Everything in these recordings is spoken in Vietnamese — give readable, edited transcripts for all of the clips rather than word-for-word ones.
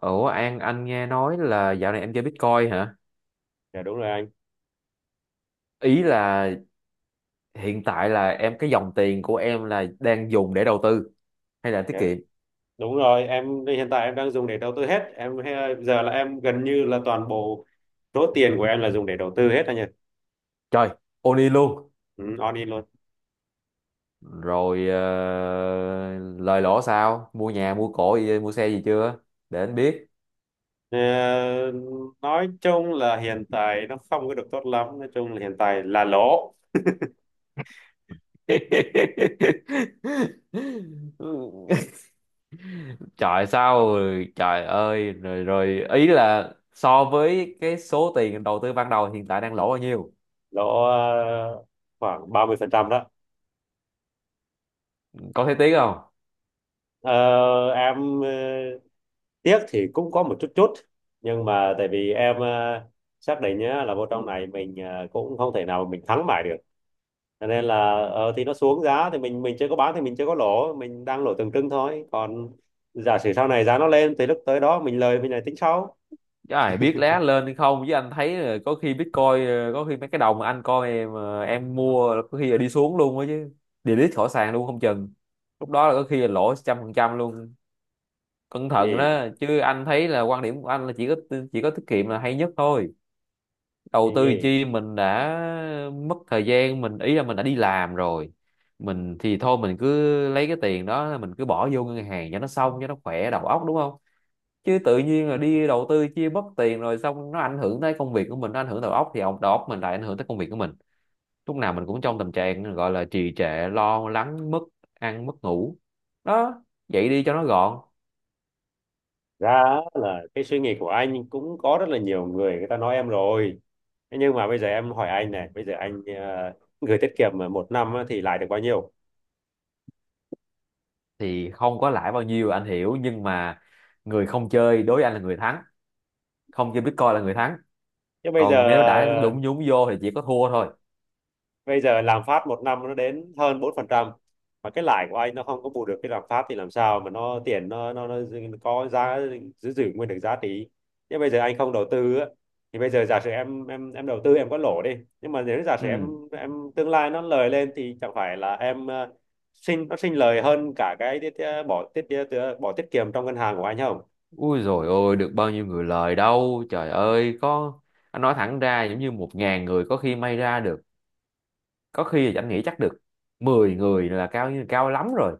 Ủa An, anh nghe nói là dạo này em chơi Bitcoin hả? Dạ đúng rồi anh. Ý là hiện tại là em cái dòng tiền của em là đang dùng để đầu tư hay là tiết Dạ, kiệm? đúng rồi, em hiện tại em đang dùng để đầu tư hết. Giờ là em gần như là toàn bộ số tiền của em là dùng để đầu tư hết anh nhỉ. Trời, Oni luôn. Ừ, all in luôn. Rồi lời lỗ sao? Mua nhà, mua cổ, mua xe gì chưa? Để anh biết. Ờ, nói chung là hiện tại nó không có được tốt lắm, nói chung là hiện tại là lỗ, Trời sao rồi? Trời ơi, rồi rồi ý là so với cái số tiền đầu tư ban đầu hiện tại đang lỗ bao nhiêu? lỗ ờ, khoảng 30% đó. Có thấy tiếc không? Ờ, em tiếc thì cũng có một chút chút, nhưng mà tại vì em xác định nhá là vô trong này mình cũng không thể nào mà mình thắng mãi được. Cho nên là thì nó xuống giá thì mình chưa có bán thì mình chưa có lỗ, mình đang lỗ tượng trưng thôi, còn giả sử sau này giá nó lên thì lúc tới đó mình lời mình lại tính sau. Trời biết lá lên hay không, chứ anh thấy là có khi Bitcoin có khi mấy cái đồng mà anh coi em em mua là có khi là đi xuống luôn á chứ, delete khỏi sàn luôn không chừng. Lúc đó là có khi là lỗ 100% luôn. Cẩn thận Gì, đó, chứ anh thấy là quan điểm của anh là chỉ có, chỉ có tiết kiệm là hay nhất thôi. Đầu cái tư gì? chi, mình đã mất thời gian mình, ý là mình đã đi làm rồi, mình thì thôi mình cứ lấy cái tiền đó mình cứ bỏ vô ngân hàng cho nó xong, cho nó khỏe đầu óc, đúng không? Chứ tự nhiên là đi đầu tư chia mất tiền rồi, xong nó ảnh hưởng tới công việc của mình, nó ảnh hưởng đầu óc thì ông đầu óc mình lại ảnh hưởng tới công việc của mình. Lúc nào mình cũng trong tình trạng gọi là trì trệ, lo lắng, mất ăn mất ngủ. Đó, vậy đi cho nó gọn. Ra á là cái suy nghĩ của anh cũng có rất là nhiều người người ta nói em rồi. Thế nhưng mà bây giờ em hỏi anh này, bây giờ anh gửi tiết kiệm mà một năm á thì lãi được bao nhiêu? Thì không có lãi bao nhiêu anh hiểu, nhưng mà người không chơi đối với anh là người thắng. Không chơi Bitcoin là người thắng, Chứ bây giờ còn nếu đã nhúng vô thì chỉ có thua thôi. bây giờ lạm phát một năm nó đến hơn 4%, mà cái lãi của anh nó không có bù được cái lạm phát thì làm sao mà nó tiền nó có giá, giữ giữ nguyên được giá trị. Nhưng bây giờ anh không đầu tư á, thì bây giờ giả sử em đầu tư em có lỗ đi, nhưng mà nếu giả sử Ừ, em tương lai nó lời lên thì chẳng phải là em sinh, nó sinh lời hơn cả cái tiết, bỏ tiết bỏ tiết kiệm trong ngân hàng của anh không? ui rồi, ôi được bao nhiêu người lời đâu trời ơi, có, anh nói thẳng ra giống như 1.000 người có khi may ra được, có khi là Chánh nghĩ chắc được 10 người là cao lắm rồi.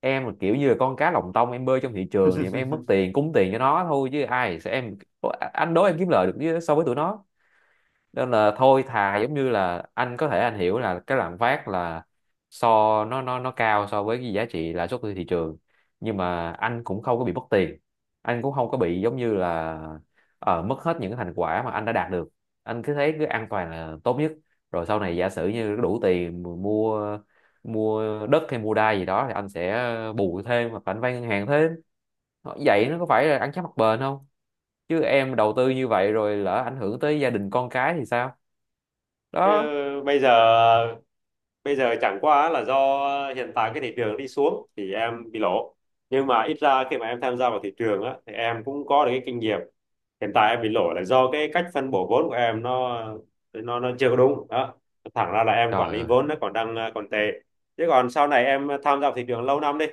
Em là kiểu như là con cá lòng tông em bơi trong thị trường thì em mất tiền cúng tiền cho nó thôi, chứ ai sẽ em. Anh đố em kiếm so với tụi nó. Nên là thôi, thà giống như là anh có thể anh hiểu là cái lạm phát là so nó nó cao so với cái giá trị lãi suất của thị trường, nhưng mà anh cũng không có bị mất tiền, anh cũng không có bị giống như là mất hết những cái thành quả mà anh đã đạt được. Anh cứ thấy cứ an toàn là tốt nhất, rồi sau này giả sử như đủ tiền mua, mua đất hay mua đai gì đó thì anh sẽ bù thêm hoặc là anh vay ngân hàng thêm. Ờ, vậy nó có phải là ăn chắc mặc bền không? Chứ em đầu tư như vậy rồi lỡ ảnh hưởng tới gia đình con cái thì sao? Chứ Đó. bây giờ bây giờ chẳng qua là do hiện tại cái thị trường đi xuống thì em bị lỗ, nhưng mà ít ra khi mà em tham gia vào thị trường á thì em cũng có được cái kinh nghiệm. Hiện tại em bị lỗ là do cái cách phân bổ vốn của em nó, nó chưa có đúng đó, thẳng ra là em quản Trời lý ơi, vốn nó còn đang còn tệ. Chứ còn sau này em tham gia vào thị trường lâu năm đi,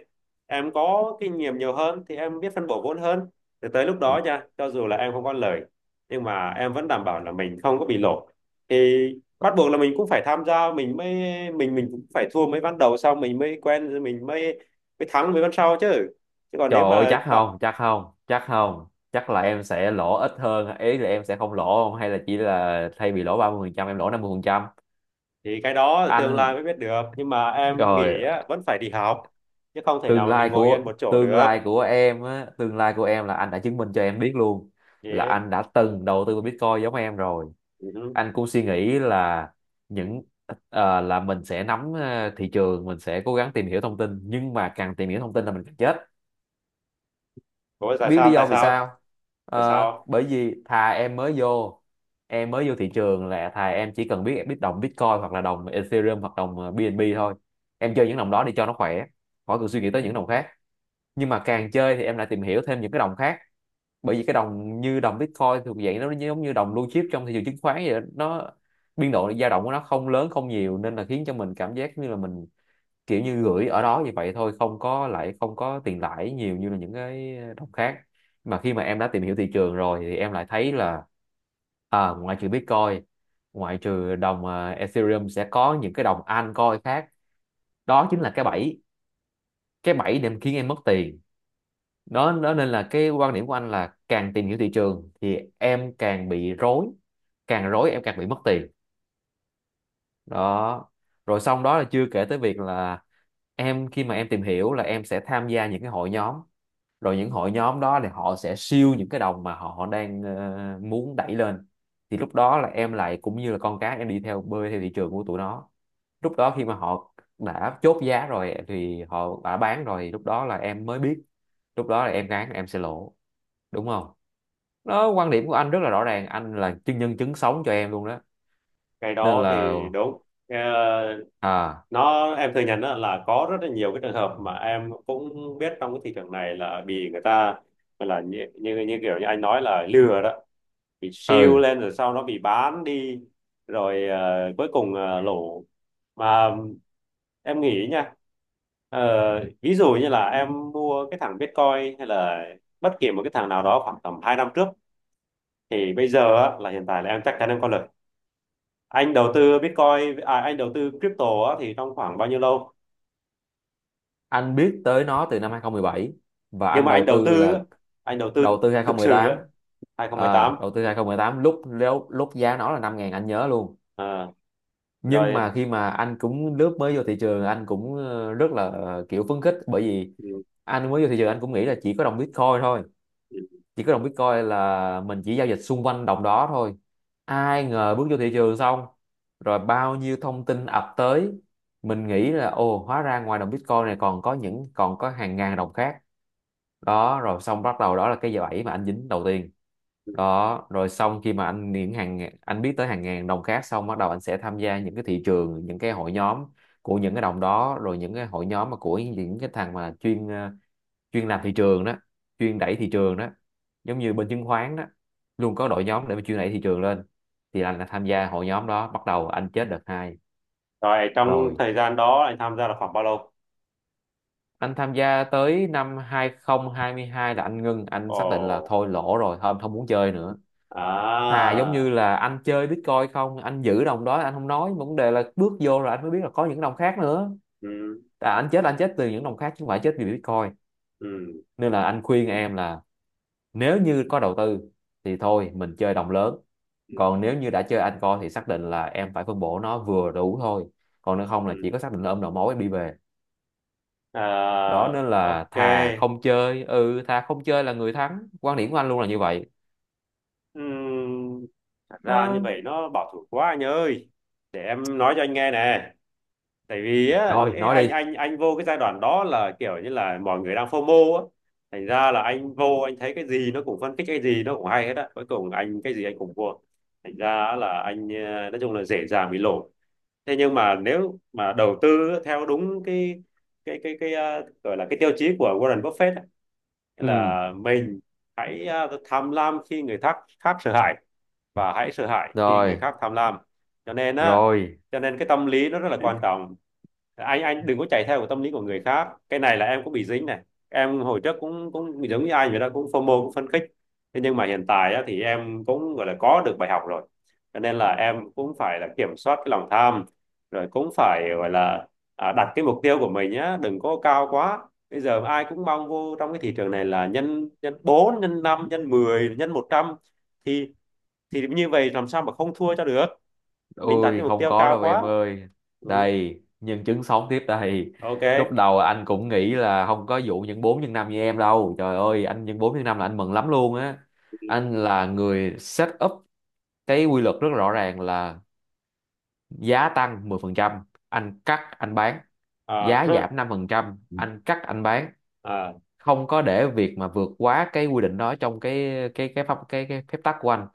em có kinh nghiệm nhiều hơn thì em biết phân bổ vốn hơn, thì tới lúc đó nha, cho dù là em không có lời nhưng mà em vẫn đảm bảo là mình không có bị lỗ. Thì bắt buộc là mình cũng phải tham gia, mình mới mình cũng phải thua mấy ván đầu, sau mình mới quen rồi mình mới mới thắng mấy ván sau chứ chứ còn trời nếu ơi, mà bảo- chắc không, chắc là em sẽ lỗ ít hơn, ý là em sẽ không lỗ không, hay là chỉ là thay vì lỗ 30%, em lỗ 50%. thì cái đó tương Anh lai mới biết được, nhưng mà em nghĩ rồi. á, vẫn phải đi học chứ không thể nào Tương mà mình lai ngồi yên của, một chỗ tương được. lai của em á tương lai của em là anh đã chứng minh cho em biết luôn, là Yeah. anh đã từng đầu tư vào Bitcoin giống em rồi. Uh. Anh cũng suy nghĩ là những là mình sẽ nắm thị trường, mình sẽ cố gắng tìm hiểu thông tin, nhưng mà càng tìm hiểu thông tin là mình càng chết. Ủa, tại Biết lý sao, tại do vì sao, sao? tại Ờ, sao? bởi vì thà em mới vô, em mới vô thị trường là thà em chỉ cần biết biết đồng Bitcoin hoặc là đồng Ethereum hoặc đồng BNB thôi. Em chơi những đồng đó đi cho nó khỏe, khỏi cần suy nghĩ tới những đồng khác. Nhưng mà càng chơi thì em lại tìm hiểu thêm những cái đồng khác, bởi vì cái đồng như đồng Bitcoin thuộc dạng nó giống như đồng blue chip trong thị trường chứng khoán vậy đó. Nó biên độ dao động của nó không lớn không nhiều, nên là khiến cho mình cảm giác như là mình kiểu như gửi ở đó như vậy thôi, không có lại, không có tiền lãi nhiều như là những cái đồng khác. Mà khi mà em đã tìm hiểu thị trường rồi thì em lại thấy là à, ngoại trừ Bitcoin, ngoại trừ đồng à, Ethereum, sẽ có những cái đồng altcoin khác. Đó chính là cái bẫy, cái bẫy để khiến em mất tiền. Đó, đó, nên là cái quan điểm của anh là càng tìm hiểu thị trường thì em càng bị rối, càng rối em càng bị mất tiền. Đó, rồi xong đó là chưa kể tới việc là em, khi mà em tìm hiểu là em sẽ tham gia những cái hội nhóm, rồi những hội nhóm đó thì họ sẽ siêu những cái đồng mà họ đang muốn đẩy lên. Thì lúc đó là em lại cũng như là con cá, em đi theo bơi theo thị trường của tụi nó. Lúc đó khi mà họ đã chốt giá rồi thì họ đã bán rồi, lúc đó là em mới biết. Lúc đó là em gán em sẽ lỗ, đúng không? Đó, quan điểm của anh rất là rõ ràng, anh là chứng nhân chứng sống cho em luôn đó, Cái nên đó là. thì đúng. Ờ, À nó em thừa nhận đó là có rất là nhiều cái trường hợp mà em cũng biết, trong cái thị trường này là bị người ta gọi là như, như kiểu như anh nói là lừa đó, bị siêu ừ, lên rồi sau nó bị bán đi, rồi cuối cùng lỗ. Mà em nghĩ nha, ờ, ví dụ như là em mua cái thằng Bitcoin hay là bất kỳ một cái thằng nào đó khoảng tầm 2 năm trước, thì bây giờ á, là hiện tại là em chắc chắn em có lời. Anh đầu tư Bitcoin, à, anh đầu tư crypto á, thì trong khoảng bao nhiêu lâu? anh biết tới nó từ năm 2017, và Nhưng anh mà anh đầu đầu tư tư là á, anh đầu tư đầu tư thực sự á, 2018. À, 2018. đầu tư 2018 lúc lúc lúc giá nó là 5.000 anh nhớ luôn. Ờ, Nhưng rồi. mà khi mà anh cũng lướt mới vô thị trường anh cũng rất là kiểu phấn khích, bởi vì Ừ, anh mới vô thị trường anh cũng nghĩ là chỉ có đồng Bitcoin thôi, chỉ có đồng Bitcoin là mình chỉ giao dịch xung quanh đồng đó thôi. Ai ngờ bước vô thị trường xong rồi bao nhiêu thông tin ập tới, mình nghĩ là ồ hóa ra ngoài đồng Bitcoin này còn có hàng ngàn đồng khác. Đó, rồi xong bắt đầu đó là cái bẫy mà anh dính đầu tiên. Đó rồi xong khi mà anh những hàng anh biết tới hàng ngàn đồng khác xong bắt đầu anh sẽ tham gia những cái thị trường, những cái hội nhóm của những cái đồng đó, rồi những cái hội nhóm mà của những cái thằng mà chuyên chuyên làm thị trường đó, chuyên đẩy thị trường đó, giống như bên chứng khoán đó, luôn có đội nhóm để mà chuyên đẩy thị trường lên. Thì anh là tham gia hội nhóm đó bắt đầu anh chết đợt hai. rồi, trong Rồi thời gian đó anh tham gia là khoảng bao lâu? anh tham gia tới năm 2022 là anh ngưng, anh xác định là Ồ. thôi lỗ rồi, thôi anh không muốn chơi nữa. Thà giống như À. là anh chơi Bitcoin không, anh giữ đồng đó anh không nói, vấn đề là bước vô rồi anh mới biết là có những đồng khác nữa. Ừ. À, anh chết là anh chết từ những đồng khác chứ không phải chết vì Bitcoin. Ừ. Nên là anh khuyên em là nếu như có đầu tư thì thôi mình chơi đồng lớn, Ừ. còn nếu như đã chơi anh coi thì xác định là em phải phân bổ nó vừa đủ thôi, còn nếu không là chỉ Ừ. có xác định là ôm đầu mối em đi về. Đó, À, nên là thà ok. không chơi, ừ thà không chơi là người thắng, quan điểm của anh luôn là như vậy. Ừm, thật ra như Ờ, vậy nó bảo thủ quá anh ơi, để em nói cho anh nghe nè. Tại vì á rồi cái nói anh đi. anh anh vô cái giai đoạn đó là kiểu như là mọi người đang FOMO á, thành ra là anh vô anh thấy cái gì nó cũng phân tích, cái gì nó cũng hay hết á, cuối cùng anh cái gì anh cũng mua, thành ra là anh nói chung là dễ dàng bị lỗ. Thế nhưng mà nếu mà đầu tư theo đúng cái gọi là cái tiêu chí của Warren Buffett á, Ừ, là mình hãy tham lam khi người khác khác sợ hãi và hãy sợ hãi khi người rồi, khác tham lam. Cho nên á, rồi. cho nên cái tâm lý nó rất là quan trọng. Anh đừng có chạy theo cái tâm lý của người khác, cái này là em cũng bị dính này. Em hồi trước cũng cũng giống như anh vậy đó, cũng phô FOMO, cũng phấn khích. Thế nhưng mà hiện tại á, thì em cũng gọi là có được bài học rồi, cho nên là em cũng phải là kiểm soát cái lòng tham, rồi cũng phải gọi là đặt cái mục tiêu của mình nhá đừng có cao quá. Bây giờ ai cũng mong vô trong cái thị trường này là nhân nhân bốn, nhân năm, nhân 10, nhân 100, thì thì như vậy làm sao mà không thua cho được, mình đặt cái Ôi mục không tiêu có cao đâu quá. em ơi. Ừ. Đây, nhân chứng sống tiếp đây. Ok. Lúc đầu anh cũng nghĩ là không có vụ nhân 4 nhân 5 như em đâu. Trời ơi, anh nhân 4 nhân 5 là anh mừng lắm luôn á. Anh là người set up cái quy luật rất rõ ràng là giá tăng 10%, anh cắt anh bán. À. Giá giảm 5%, anh cắt anh bán. À. Không có để việc mà vượt quá cái quy định đó trong cái phép tắc của anh,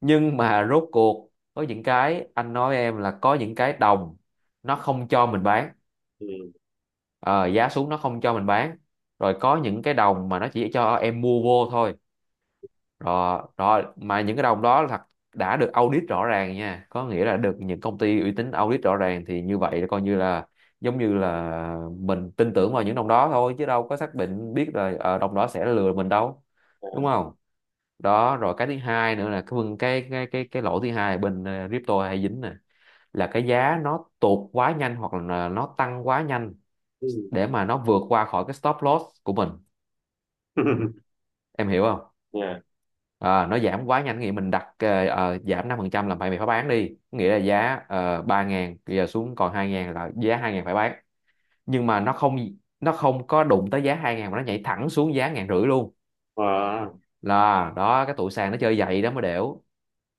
nhưng mà rốt cuộc có những cái anh nói em là có những cái đồng nó không cho mình bán. Ừ. Ờ, Giá xuống nó không cho mình bán, rồi có những cái đồng mà nó chỉ cho em mua vô thôi, rồi rồi mà những cái đồng đó là thật, đã được audit rõ ràng nha, có nghĩa là được những công ty uy tín audit rõ ràng, thì như vậy là coi như là giống như là mình tin tưởng vào những đồng đó thôi, chứ đâu có xác định biết là đồng đó sẽ lừa mình đâu, đúng không? Đó, rồi cái thứ hai nữa là cái lỗi thứ hai là bên crypto hay dính nè, là cái giá nó tụt quá nhanh hoặc là nó tăng quá nhanh Ừ. để mà nó vượt qua khỏi cái stop loss của mình, em hiểu không? Yeah. Nó giảm quá nhanh nghĩa mình đặt giảm 5% là phải mày phải bán đi, nghĩa là giá 3.000 bây giờ xuống còn hai ngàn là giá hai ngàn phải bán, nhưng mà nó không, nó không có đụng tới giá hai ngàn mà nó nhảy thẳng xuống giá ngàn rưỡi luôn. À. Là đó cái tụi sàn nó chơi vậy đó mới đểu.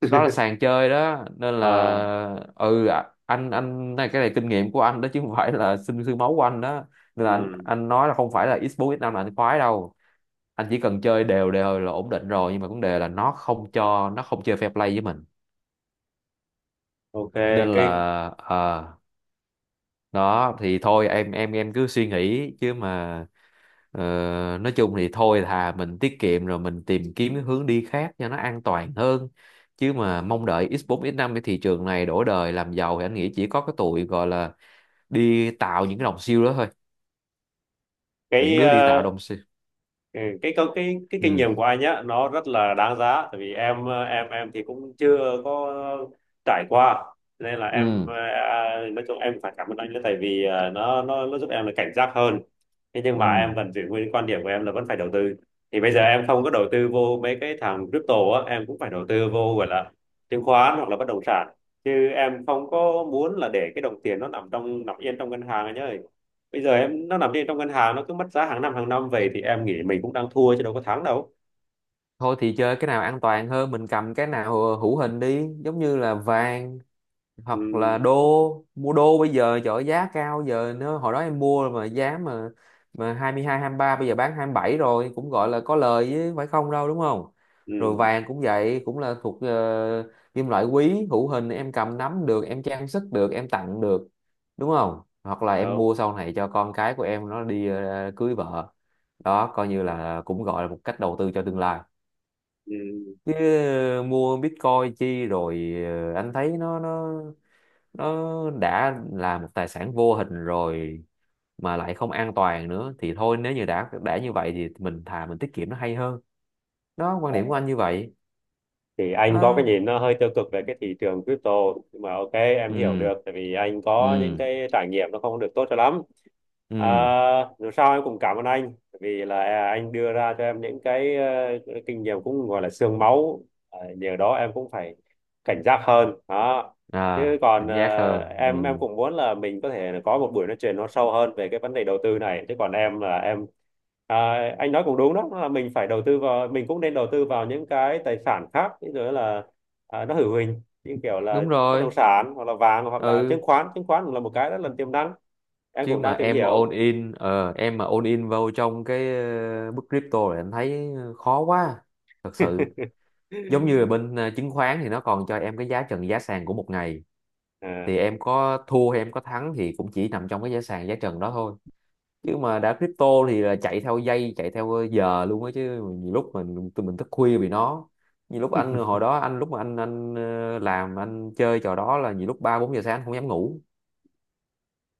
Đó là sàn chơi đó, nên là À. Anh này, cái này kinh nghiệm của anh đó, chứ không phải là sinh xương máu của anh đó, nên là Ừ. anh nói là không phải là X4 X5 là anh khoái đâu. Anh chỉ cần chơi đều đều là ổn định rồi, nhưng mà vấn đề là nó không cho, nó không chơi fair play với mình, Ok. nên là Cái ờ, đó thì thôi, em cứ suy nghĩ chứ mà. Ờ, nói chung thì thôi, thà mình tiết kiệm rồi mình tìm kiếm cái hướng đi khác cho nó an toàn hơn, chứ mà mong đợi X4 X5 cái thị trường này đổi đời làm giàu thì anh nghĩ chỉ có cái tụi gọi là đi tạo những cái đồng siêu đó thôi, những cái đứa đi tạo ờ, đồng siêu. ừ, cái câu, cái kinh Ừ. nghiệm của anh nhá nó rất là đáng giá, tại vì em em thì cũng chưa có trải qua. Nên là em Ừ. Nói chung em phải cảm ơn anh nữa, tại vì nó giúp em là cảnh giác hơn. Thế nhưng mà Ừ. em vẫn giữ nguyên cái quan điểm của em là vẫn phải đầu tư. Thì bây giờ em không có đầu tư vô mấy cái thằng crypto á em cũng phải đầu tư vô gọi là chứng khoán hoặc là bất động sản, chứ em không có muốn là để cái đồng tiền nó nằm yên trong ngân hàng anh ơi. Bây giờ em nó nằm yên trong ngân hàng nó cứ mất giá hàng năm, hàng năm về, thì em nghĩ mình cũng đang thua chứ đâu có thắng đâu. Thôi thì chơi cái nào an toàn hơn, mình cầm cái nào hữu hình đi, giống như là vàng Ừ. hoặc là đô. Mua đô bây giờ, trời ơi, giá cao giờ nó, hồi đó em mua mà giá mà hai mươi hai, hai mươi mươi ba, bây giờ bán 27 rồi, cũng gọi là có lời chứ, phải không đâu, đúng không? Ừ. Rồi vàng cũng vậy, cũng là thuộc kim loại quý hữu hình, em cầm nắm được, em trang sức được, em tặng được, đúng không? Hoặc là em Đâu. mua sau này cho con cái của em nó đi cưới vợ. Đó coi như là cũng gọi là một cách đầu tư cho tương lai, Ừ. chứ mua Bitcoin chi rồi. Ờ, anh thấy nó nó đã là một tài sản vô hình rồi mà lại không an toàn nữa, thì thôi nếu như đã như vậy thì mình thà mình tiết kiệm nó hay hơn. Đó, quan điểm của anh như vậy Thì anh có cái đó. nhìn nó hơi tiêu cực về cái thị trường crypto, nhưng mà ok em hiểu Ừ. được, tại vì anh Ừ. có những cái trải nghiệm nó không được tốt cho lắm. Ừ. À, dù sao em cũng cảm ơn anh. Tại vì là anh đưa ra cho em những cái, cái kinh nghiệm cũng gọi là xương máu. À, nhờ đó em cũng phải cảnh giác hơn đó. Chứ À, còn cảnh giác hơn, ừ. em cũng muốn là mình có thể có một buổi nói chuyện nó sâu hơn về cái vấn đề đầu tư này. Chứ còn em là em. À, anh nói cũng đúng đó, là mình phải đầu tư vào, mình cũng nên đầu tư vào những cái tài sản khác, ví dụ là nó hữu hình như kiểu là Đúng bất rồi. động sản hoặc là vàng hoặc là chứng Ừ. khoán chứng khoán cũng là một cái rất là tiềm năng, em Chứ cũng mà đang tìm em mà hiểu. all in, em mà all in vào trong cái bức crypto này, anh thấy khó quá, thật sự. Giống như là bên chứng khoán thì nó còn cho em cái giá trần giá sàn của một ngày, À. thì em có thua hay em có thắng thì cũng chỉ nằm trong cái giá sàn giá trần đó thôi, chứ mà đã crypto thì là chạy theo giây chạy theo giờ luôn á chứ. Nhiều lúc mình, tụi mình thức khuya vì nó. Nhiều lúc anh hồi đó anh, lúc mà anh làm, anh chơi trò đó là nhiều lúc ba bốn giờ sáng anh không dám ngủ.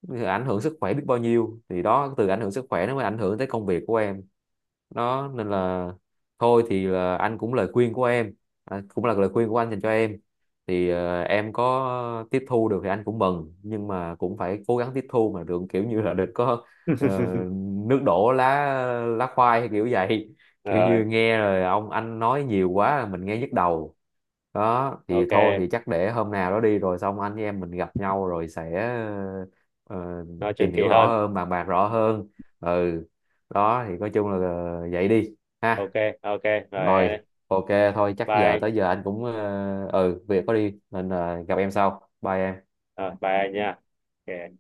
Thì ảnh hưởng sức khỏe biết bao nhiêu, thì đó, từ ảnh hưởng sức khỏe nó mới ảnh hưởng tới công việc của em, đó nên là thôi thì là anh cũng lời khuyên của em, à, cũng là lời khuyên của anh dành cho em, thì em có tiếp thu được thì anh cũng mừng, nhưng mà cũng phải cố gắng tiếp thu mà đừng kiểu như là đừng có ờ, nước đổ lá lá khoai hay kiểu vậy kiểu Rồi, như nghe rồi ông anh nói nhiều quá mình nghe nhức đầu. Đó thì thôi, thì ok, chắc để hôm nào đó đi rồi xong anh với em mình gặp nhau rồi sẽ ờ, nói chuyện tìm kỳ hiểu rõ hơn. hơn, bàn bạc rõ hơn. Ừ. Đó thì nói chung là vậy đi Ok. ha. Ok. Rồi Rồi, em- ok, thôi chắc giờ bye. tới giờ anh cũng ừ việc có đi, nên là gặp em sau, bye em. Rồi bye anh nha. Ok.